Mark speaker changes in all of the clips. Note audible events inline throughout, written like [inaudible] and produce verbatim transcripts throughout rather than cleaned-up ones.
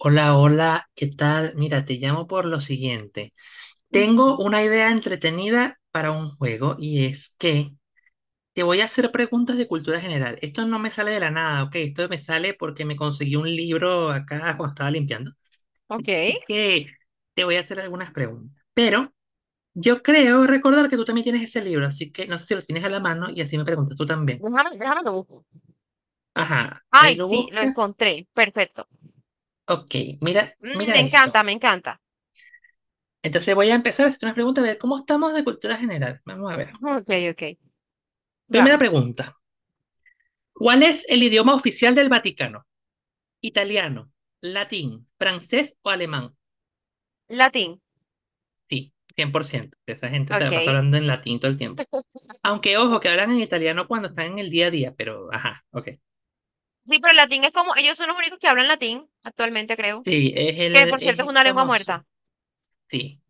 Speaker 1: Hola, hola, ¿qué tal? Mira, te llamo por lo siguiente. Tengo
Speaker 2: Ujú.
Speaker 1: una idea entretenida para un juego y es que te voy a hacer preguntas de cultura general. Esto no me sale de la nada, ¿ok? Esto me sale porque me conseguí un libro acá [laughs] cuando estaba limpiando.
Speaker 2: Ok.
Speaker 1: Así que te voy a hacer algunas preguntas. Pero yo creo recordar que tú también tienes ese libro, así que no sé si lo tienes a la mano y así me preguntas tú también.
Speaker 2: Déjame, déjame lo busco.
Speaker 1: Ajá, ahí
Speaker 2: Ay,
Speaker 1: lo
Speaker 2: sí, lo
Speaker 1: buscas.
Speaker 2: encontré. Perfecto.
Speaker 1: Ok, mira,
Speaker 2: Mm, Me
Speaker 1: mira
Speaker 2: encanta,
Speaker 1: esto.
Speaker 2: me encanta.
Speaker 1: Entonces voy a empezar a hacer unas preguntas de cómo estamos de cultura general. Vamos a ver.
Speaker 2: Ok, ok.
Speaker 1: Primera
Speaker 2: Vamos.
Speaker 1: pregunta. ¿Cuál es el idioma oficial del Vaticano? ¿Italiano, latín, francés o alemán?
Speaker 2: Latín.
Speaker 1: Sí, cien por ciento. Esa gente se la pasa
Speaker 2: Ok.
Speaker 1: hablando en latín todo el tiempo. Aunque ojo, que hablan en italiano cuando están en el día a día, pero ajá, ok.
Speaker 2: Sí, pero el latín es como, ellos son los únicos que hablan latín actualmente, creo.
Speaker 1: Sí, es el,
Speaker 2: Que por cierto
Speaker 1: es
Speaker 2: es
Speaker 1: el
Speaker 2: una lengua muerta.
Speaker 1: famoso. Sí,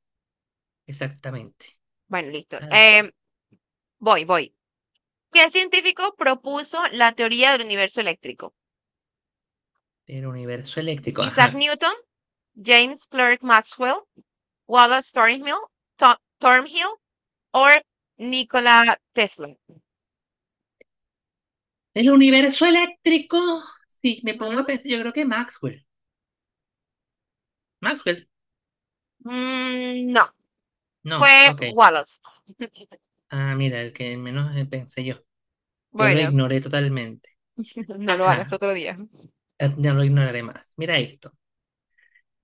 Speaker 1: exactamente.
Speaker 2: Bueno, listo.
Speaker 1: Tal cual.
Speaker 2: Eh, voy, voy. ¿Qué científico propuso la teoría del universo eléctrico?
Speaker 1: El universo eléctrico,
Speaker 2: Isaac
Speaker 1: ajá.
Speaker 2: Newton, James Clerk Maxwell, Wallace Thornhill, Tho- Thornhill o Nikola Tesla.
Speaker 1: El universo eléctrico. Sí, me pongo
Speaker 2: Ujú.
Speaker 1: a pensar. Yo creo que Maxwell. Maxwell.
Speaker 2: Mm, no.
Speaker 1: No,
Speaker 2: Fue
Speaker 1: ok.
Speaker 2: Wallace. [laughs]
Speaker 1: Ah, mira, el que menos eh, pensé yo. Yo lo
Speaker 2: Bueno,
Speaker 1: ignoré totalmente.
Speaker 2: [laughs] no lo hagas
Speaker 1: Ajá,
Speaker 2: otro día.
Speaker 1: eh, no lo ignoraré más. Mira esto.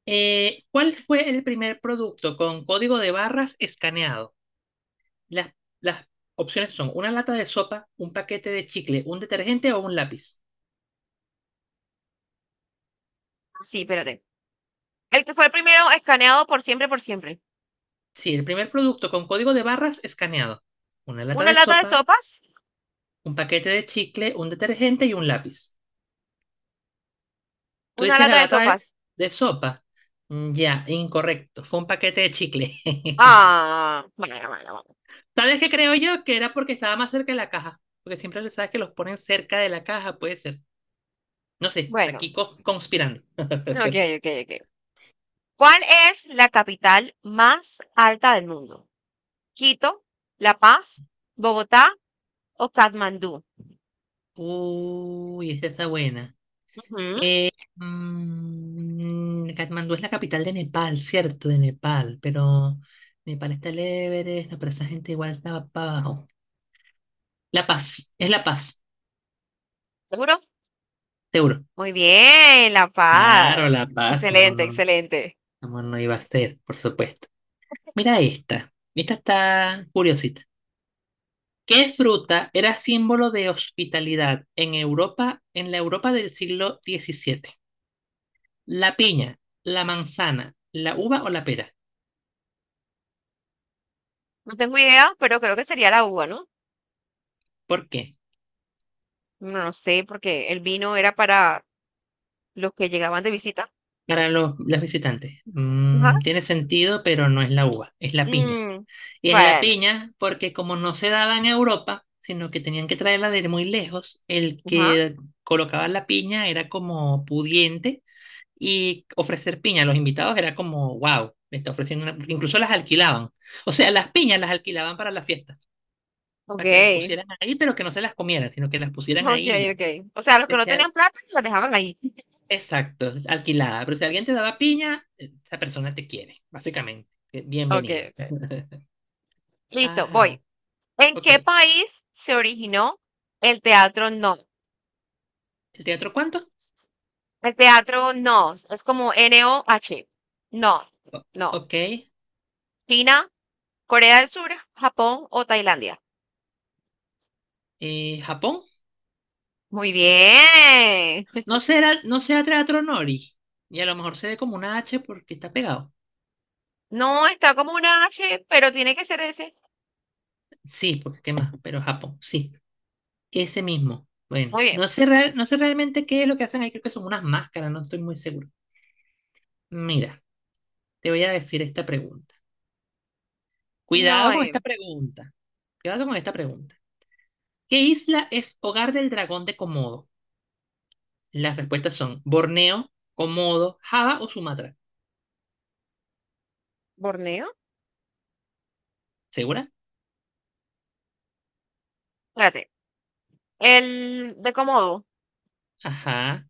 Speaker 1: Eh, ¿cuál fue el primer producto con código de barras escaneado? Las, las opciones son una lata de sopa, un paquete de chicle, un detergente o un lápiz.
Speaker 2: Sí, espérate. El que fue el primero escaneado por siempre, por siempre.
Speaker 1: Sí, el primer producto con código de barras escaneado. Una lata
Speaker 2: Una
Speaker 1: de
Speaker 2: lata de
Speaker 1: sopa,
Speaker 2: sopas.
Speaker 1: un paquete de chicle, un detergente y un lápiz. Tú
Speaker 2: Una
Speaker 1: dices la
Speaker 2: lata de
Speaker 1: lata de,
Speaker 2: sopas.
Speaker 1: de sopa. Mm, ya, incorrecto. Fue un paquete de chicle. [laughs]
Speaker 2: Ah, bueno, bueno,
Speaker 1: ¿Sabes qué creo yo? Que era porque estaba más cerca de la caja. Porque siempre le sabes que los ponen cerca de la caja, puede ser. No sé,
Speaker 2: bueno.
Speaker 1: aquí
Speaker 2: Bueno.
Speaker 1: co- conspirando.
Speaker 2: Ok,
Speaker 1: [laughs]
Speaker 2: ok, ok. ¿Cuál es la capital más alta del mundo? Quito, La Paz, Bogotá o Katmandú.
Speaker 1: Uy, esa está buena.
Speaker 2: Ujú.
Speaker 1: Eh, mm, Katmandú es la capital de Nepal, cierto, de Nepal, pero Nepal está el Everest, no, pero esa gente igual estaba para abajo. La Paz, es La Paz,
Speaker 2: ¿Seguro?
Speaker 1: seguro.
Speaker 2: Muy bien, La
Speaker 1: Claro,
Speaker 2: Paz.
Speaker 1: La Paz, como
Speaker 2: Excelente,
Speaker 1: no,
Speaker 2: excelente.
Speaker 1: cómo no iba a ser, por supuesto. Mira esta, esta está curiosita. ¿Qué fruta era símbolo de hospitalidad en Europa, en la Europa del siglo diecisiete? ¿La piña, la manzana, la uva o la pera?
Speaker 2: No tengo idea, pero creo que sería la uva, ¿no?
Speaker 1: ¿Por qué?
Speaker 2: No no sé, porque el vino era para los que llegaban de visita.
Speaker 1: Para los, los visitantes.
Speaker 2: Ajá.
Speaker 1: Mm, tiene sentido, pero no es la uva, es la piña.
Speaker 2: Mm,
Speaker 1: Y es la
Speaker 2: bueno,
Speaker 1: piña porque como no se daba en Europa, sino que tenían que traerla de muy lejos, el
Speaker 2: ajá.
Speaker 1: que colocaba la piña era como pudiente y ofrecer piña a los invitados era como, wow, le está ofreciendo una... Porque incluso las alquilaban. O sea, las piñas las alquilaban para la fiesta,
Speaker 2: Ok,
Speaker 1: para que las
Speaker 2: [laughs]
Speaker 1: pusieran ahí, pero que no se las comieran, sino que las pusieran
Speaker 2: ok,
Speaker 1: ahí y ya.
Speaker 2: ok. O sea, los que no
Speaker 1: Decía,
Speaker 2: tenían plata la dejaban ahí. [laughs]
Speaker 1: exacto, alquilada. Pero si alguien te daba piña, esa persona te quiere, básicamente. Eh,
Speaker 2: Ok,
Speaker 1: Bienvenido.
Speaker 2: ok. Listo, voy.
Speaker 1: Ajá,
Speaker 2: ¿En
Speaker 1: ok.
Speaker 2: qué país se originó el teatro No?
Speaker 1: ¿El teatro cuánto?
Speaker 2: El teatro No es como N O H. No,
Speaker 1: O-
Speaker 2: no.
Speaker 1: ok.
Speaker 2: China, Corea del Sur, Japón o Tailandia.
Speaker 1: Eh, ¿Japón?
Speaker 2: Muy bien.
Speaker 1: No
Speaker 2: [laughs]
Speaker 1: será, no sea teatro Nori. Y a lo mejor se ve como una H porque está pegado.
Speaker 2: No, está como una H, pero tiene que ser ese.
Speaker 1: Sí, porque qué más, pero Japón, sí. Ese mismo. Bueno,
Speaker 2: Muy bien.
Speaker 1: no sé, real- no sé realmente qué es lo que hacen ahí, creo que son unas máscaras, no estoy muy seguro. Mira, te voy a decir esta pregunta.
Speaker 2: No,
Speaker 1: Cuidado con
Speaker 2: eh,
Speaker 1: esta pregunta. Cuidado con esta pregunta. ¿Qué isla es hogar del dragón de Komodo? Las respuestas son Borneo, Komodo, Java o Sumatra.
Speaker 2: Borneo.
Speaker 1: ¿Segura?
Speaker 2: Espérate. El de Komodo.
Speaker 1: Ajá.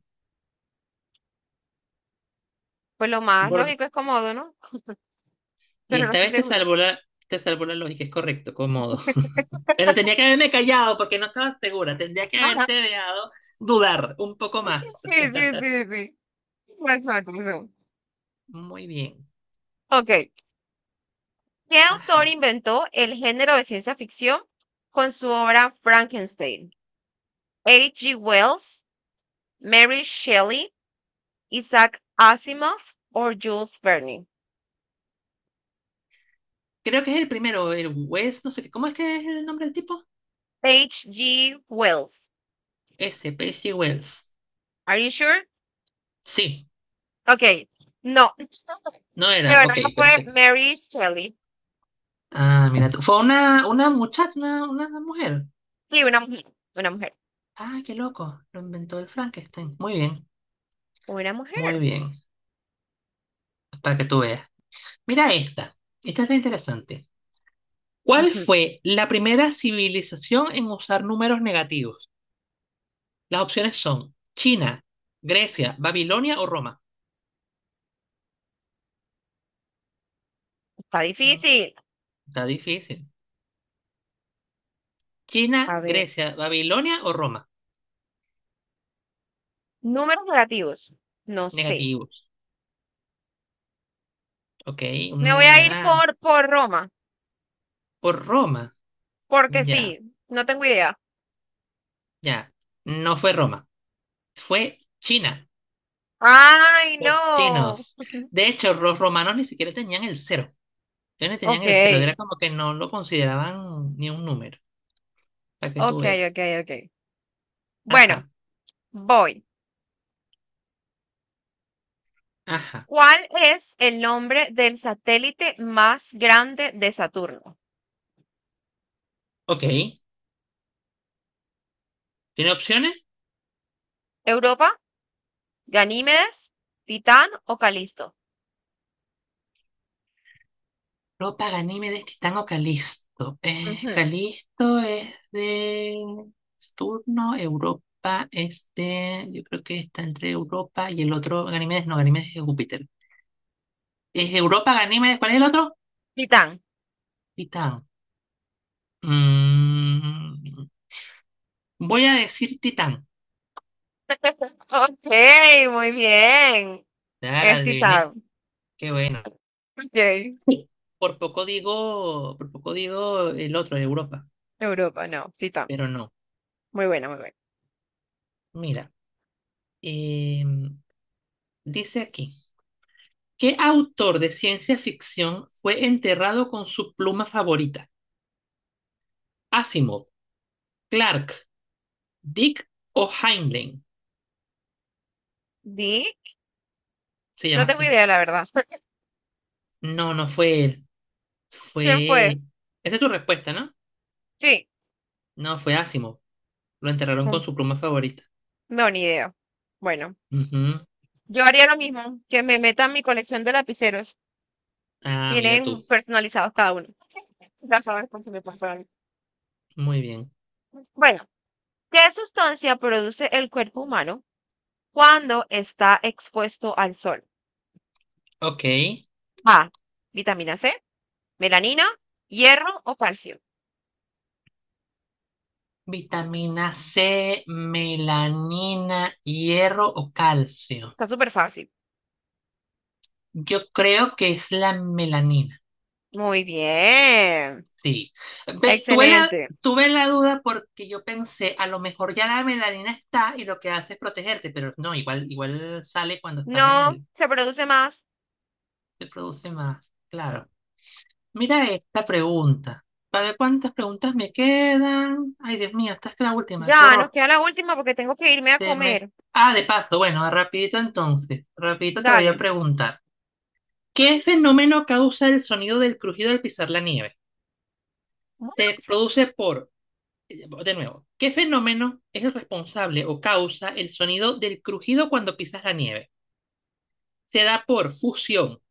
Speaker 2: Pues lo más
Speaker 1: Bor-
Speaker 2: lógico es Komodo, ¿no? [laughs]
Speaker 1: y
Speaker 2: Pero no
Speaker 1: esta
Speaker 2: estoy
Speaker 1: vez te
Speaker 2: segura.
Speaker 1: salvó la, te salvó la lógica, es correcto, Komodo. [laughs] Pero
Speaker 2: [laughs]
Speaker 1: tenía que haberme callado porque no estaba segura. Tendría que haberte dejado dudar un poco más.
Speaker 2: Sí, sí, sí, sí. Tienes razón, tienes razón.
Speaker 1: Muy bien.
Speaker 2: Ok. ¿Qué autor
Speaker 1: Ajá.
Speaker 2: inventó el género de ciencia ficción con su obra Frankenstein? ¿H. G. Wells, Mary Shelley, Isaac Asimov o Jules Verne?
Speaker 1: Creo que es el primero, el Wells, no sé qué. ¿Cómo es que es el nombre del tipo?
Speaker 2: H G Wells.
Speaker 1: Ese, Percy Wells.
Speaker 2: Are you sure?
Speaker 1: Sí,
Speaker 2: Ok. No. [laughs]
Speaker 1: no
Speaker 2: De
Speaker 1: era.
Speaker 2: verdad
Speaker 1: Ok,
Speaker 2: fue
Speaker 1: perfecto.
Speaker 2: Mary Shelley.
Speaker 1: Ah, mira tú. Fue una, una muchacha, una, una mujer.
Speaker 2: Sí, una mujer, una mujer,
Speaker 1: Ah, qué loco. Lo inventó el Frankenstein. Muy bien,
Speaker 2: una
Speaker 1: muy
Speaker 2: mujer.
Speaker 1: bien. Para que tú veas. Mira esta. Esta está interesante. ¿Cuál
Speaker 2: Ujú.
Speaker 1: fue la primera civilización en usar números negativos? Las opciones son China, Grecia, Babilonia o Roma.
Speaker 2: Está
Speaker 1: Mm,
Speaker 2: difícil.
Speaker 1: Está difícil. China,
Speaker 2: A ver,
Speaker 1: Grecia, Babilonia o Roma.
Speaker 2: números negativos. No sé.
Speaker 1: Negativos, ok.
Speaker 2: Me voy
Speaker 1: Mm,
Speaker 2: a ir
Speaker 1: ah,
Speaker 2: por, por Roma,
Speaker 1: por Roma,
Speaker 2: porque
Speaker 1: ya,
Speaker 2: sí, no tengo idea.
Speaker 1: ya. No fue Roma, fue China,
Speaker 2: Ay,
Speaker 1: los
Speaker 2: no.
Speaker 1: chinos.
Speaker 2: [laughs]
Speaker 1: De hecho, los romanos ni siquiera tenían el cero, ellos ni tenían
Speaker 2: Ok,
Speaker 1: el cero, era como que no lo consideraban ni un número, para que tú
Speaker 2: ok,
Speaker 1: veas.
Speaker 2: ok, ok. Bueno,
Speaker 1: Ajá,
Speaker 2: voy.
Speaker 1: ajá,
Speaker 2: ¿Cuál es el nombre del satélite más grande de Saturno?
Speaker 1: ok. ¿Tiene opciones?
Speaker 2: ¿Europa? ¿Ganímedes? ¿Titán o Calisto?
Speaker 1: No, Paganimedes, Titán o Calisto. Eh,
Speaker 2: Ujú.
Speaker 1: Calisto es de Saturno, Europa es de, yo creo que está entre Europa y el otro, Ganímedes, no, Ganímedes es de Júpiter. Es Europa, Ganímedes, ¿cuál es el otro?
Speaker 2: Titán.
Speaker 1: Titán. Mm, Voy a decir Titán.
Speaker 2: Ok, muy bien.
Speaker 1: Ya la
Speaker 2: Es
Speaker 1: adiviné,
Speaker 2: Titán.
Speaker 1: qué bueno.
Speaker 2: Ok.
Speaker 1: Sí. Por poco digo, por poco digo el otro, Europa,
Speaker 2: Europa, no. Titán.
Speaker 1: pero no.
Speaker 2: Muy buena, muy buena.
Speaker 1: Mira, em, dice aquí. ¿Qué autor de ciencia ficción fue enterrado con su pluma favorita? Asimov, Clark, Dick o Heinlein.
Speaker 2: Di.
Speaker 1: Se
Speaker 2: No
Speaker 1: llama
Speaker 2: tengo
Speaker 1: así.
Speaker 2: idea, la verdad. [laughs]
Speaker 1: No, no fue él.
Speaker 2: ¿Quién fue?
Speaker 1: Fue... Esa es tu respuesta, ¿no?
Speaker 2: Sí.
Speaker 1: No, fue Asimov. Lo enterraron
Speaker 2: Mm,
Speaker 1: con su pluma favorita.
Speaker 2: no, ni idea. Bueno,
Speaker 1: Ujú.
Speaker 2: yo haría lo mismo, que me meta en mi colección de lapiceros.
Speaker 1: Ah, mira
Speaker 2: Tienen
Speaker 1: tú.
Speaker 2: personalizados cada uno. Ya sabes por si me pasa algo.
Speaker 1: Muy bien.
Speaker 2: Bueno, ¿qué sustancia produce el cuerpo humano cuando está expuesto al sol?
Speaker 1: Ok.
Speaker 2: A. Vitamina C, melanina, hierro o calcio.
Speaker 1: Vitamina C, melanina, hierro o calcio.
Speaker 2: Está súper fácil.
Speaker 1: Yo creo que es la melanina.
Speaker 2: Muy bien.
Speaker 1: Sí, ve, tuve la,
Speaker 2: Excelente.
Speaker 1: tuve la duda porque yo pensé, a lo mejor ya la melanina está y lo que hace es protegerte, pero no, igual, igual sale cuando estás en
Speaker 2: No
Speaker 1: el,
Speaker 2: se produce más.
Speaker 1: se produce más, claro. Mira esta pregunta, para ver cuántas preguntas me quedan. Ay, Dios mío, esta es la última, qué
Speaker 2: Ya, nos
Speaker 1: horror.
Speaker 2: queda la última porque tengo que irme a
Speaker 1: Se me-
Speaker 2: comer.
Speaker 1: Ah, de paso, bueno, rapidito entonces, rapidito te voy
Speaker 2: Dale.
Speaker 1: a preguntar, ¿qué fenómeno causa el sonido del crujido al pisar la nieve?
Speaker 2: Bueno,
Speaker 1: ¿Se produce por De nuevo, ¿qué fenómeno es el responsable o causa el sonido del crujido cuando pisas la nieve? ¿Se da por fusión,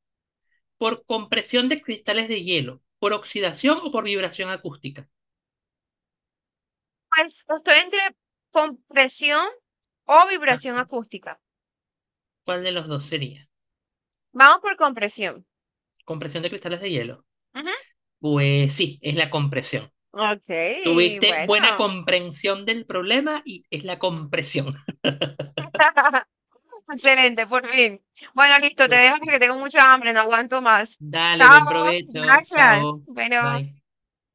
Speaker 1: por compresión de cristales de hielo, por oxidación o por vibración acústica?
Speaker 2: pues estoy entre compresión o
Speaker 1: Ah,
Speaker 2: vibración acústica.
Speaker 1: ¿cuál de los dos sería?
Speaker 2: Vamos por compresión.
Speaker 1: ¿Compresión de cristales de hielo?
Speaker 2: Ujú.
Speaker 1: Pues sí, es la compresión.
Speaker 2: Ok,
Speaker 1: Tuviste buena
Speaker 2: bueno.
Speaker 1: comprensión del problema y es la compresión. [laughs]
Speaker 2: [laughs] Excelente, por fin. Bueno, listo, te
Speaker 1: Pues
Speaker 2: dejo porque
Speaker 1: sí.
Speaker 2: tengo mucha hambre, no aguanto más.
Speaker 1: Dale, buen
Speaker 2: Chao,
Speaker 1: provecho.
Speaker 2: gracias.
Speaker 1: Chao.
Speaker 2: Bueno.
Speaker 1: Bye.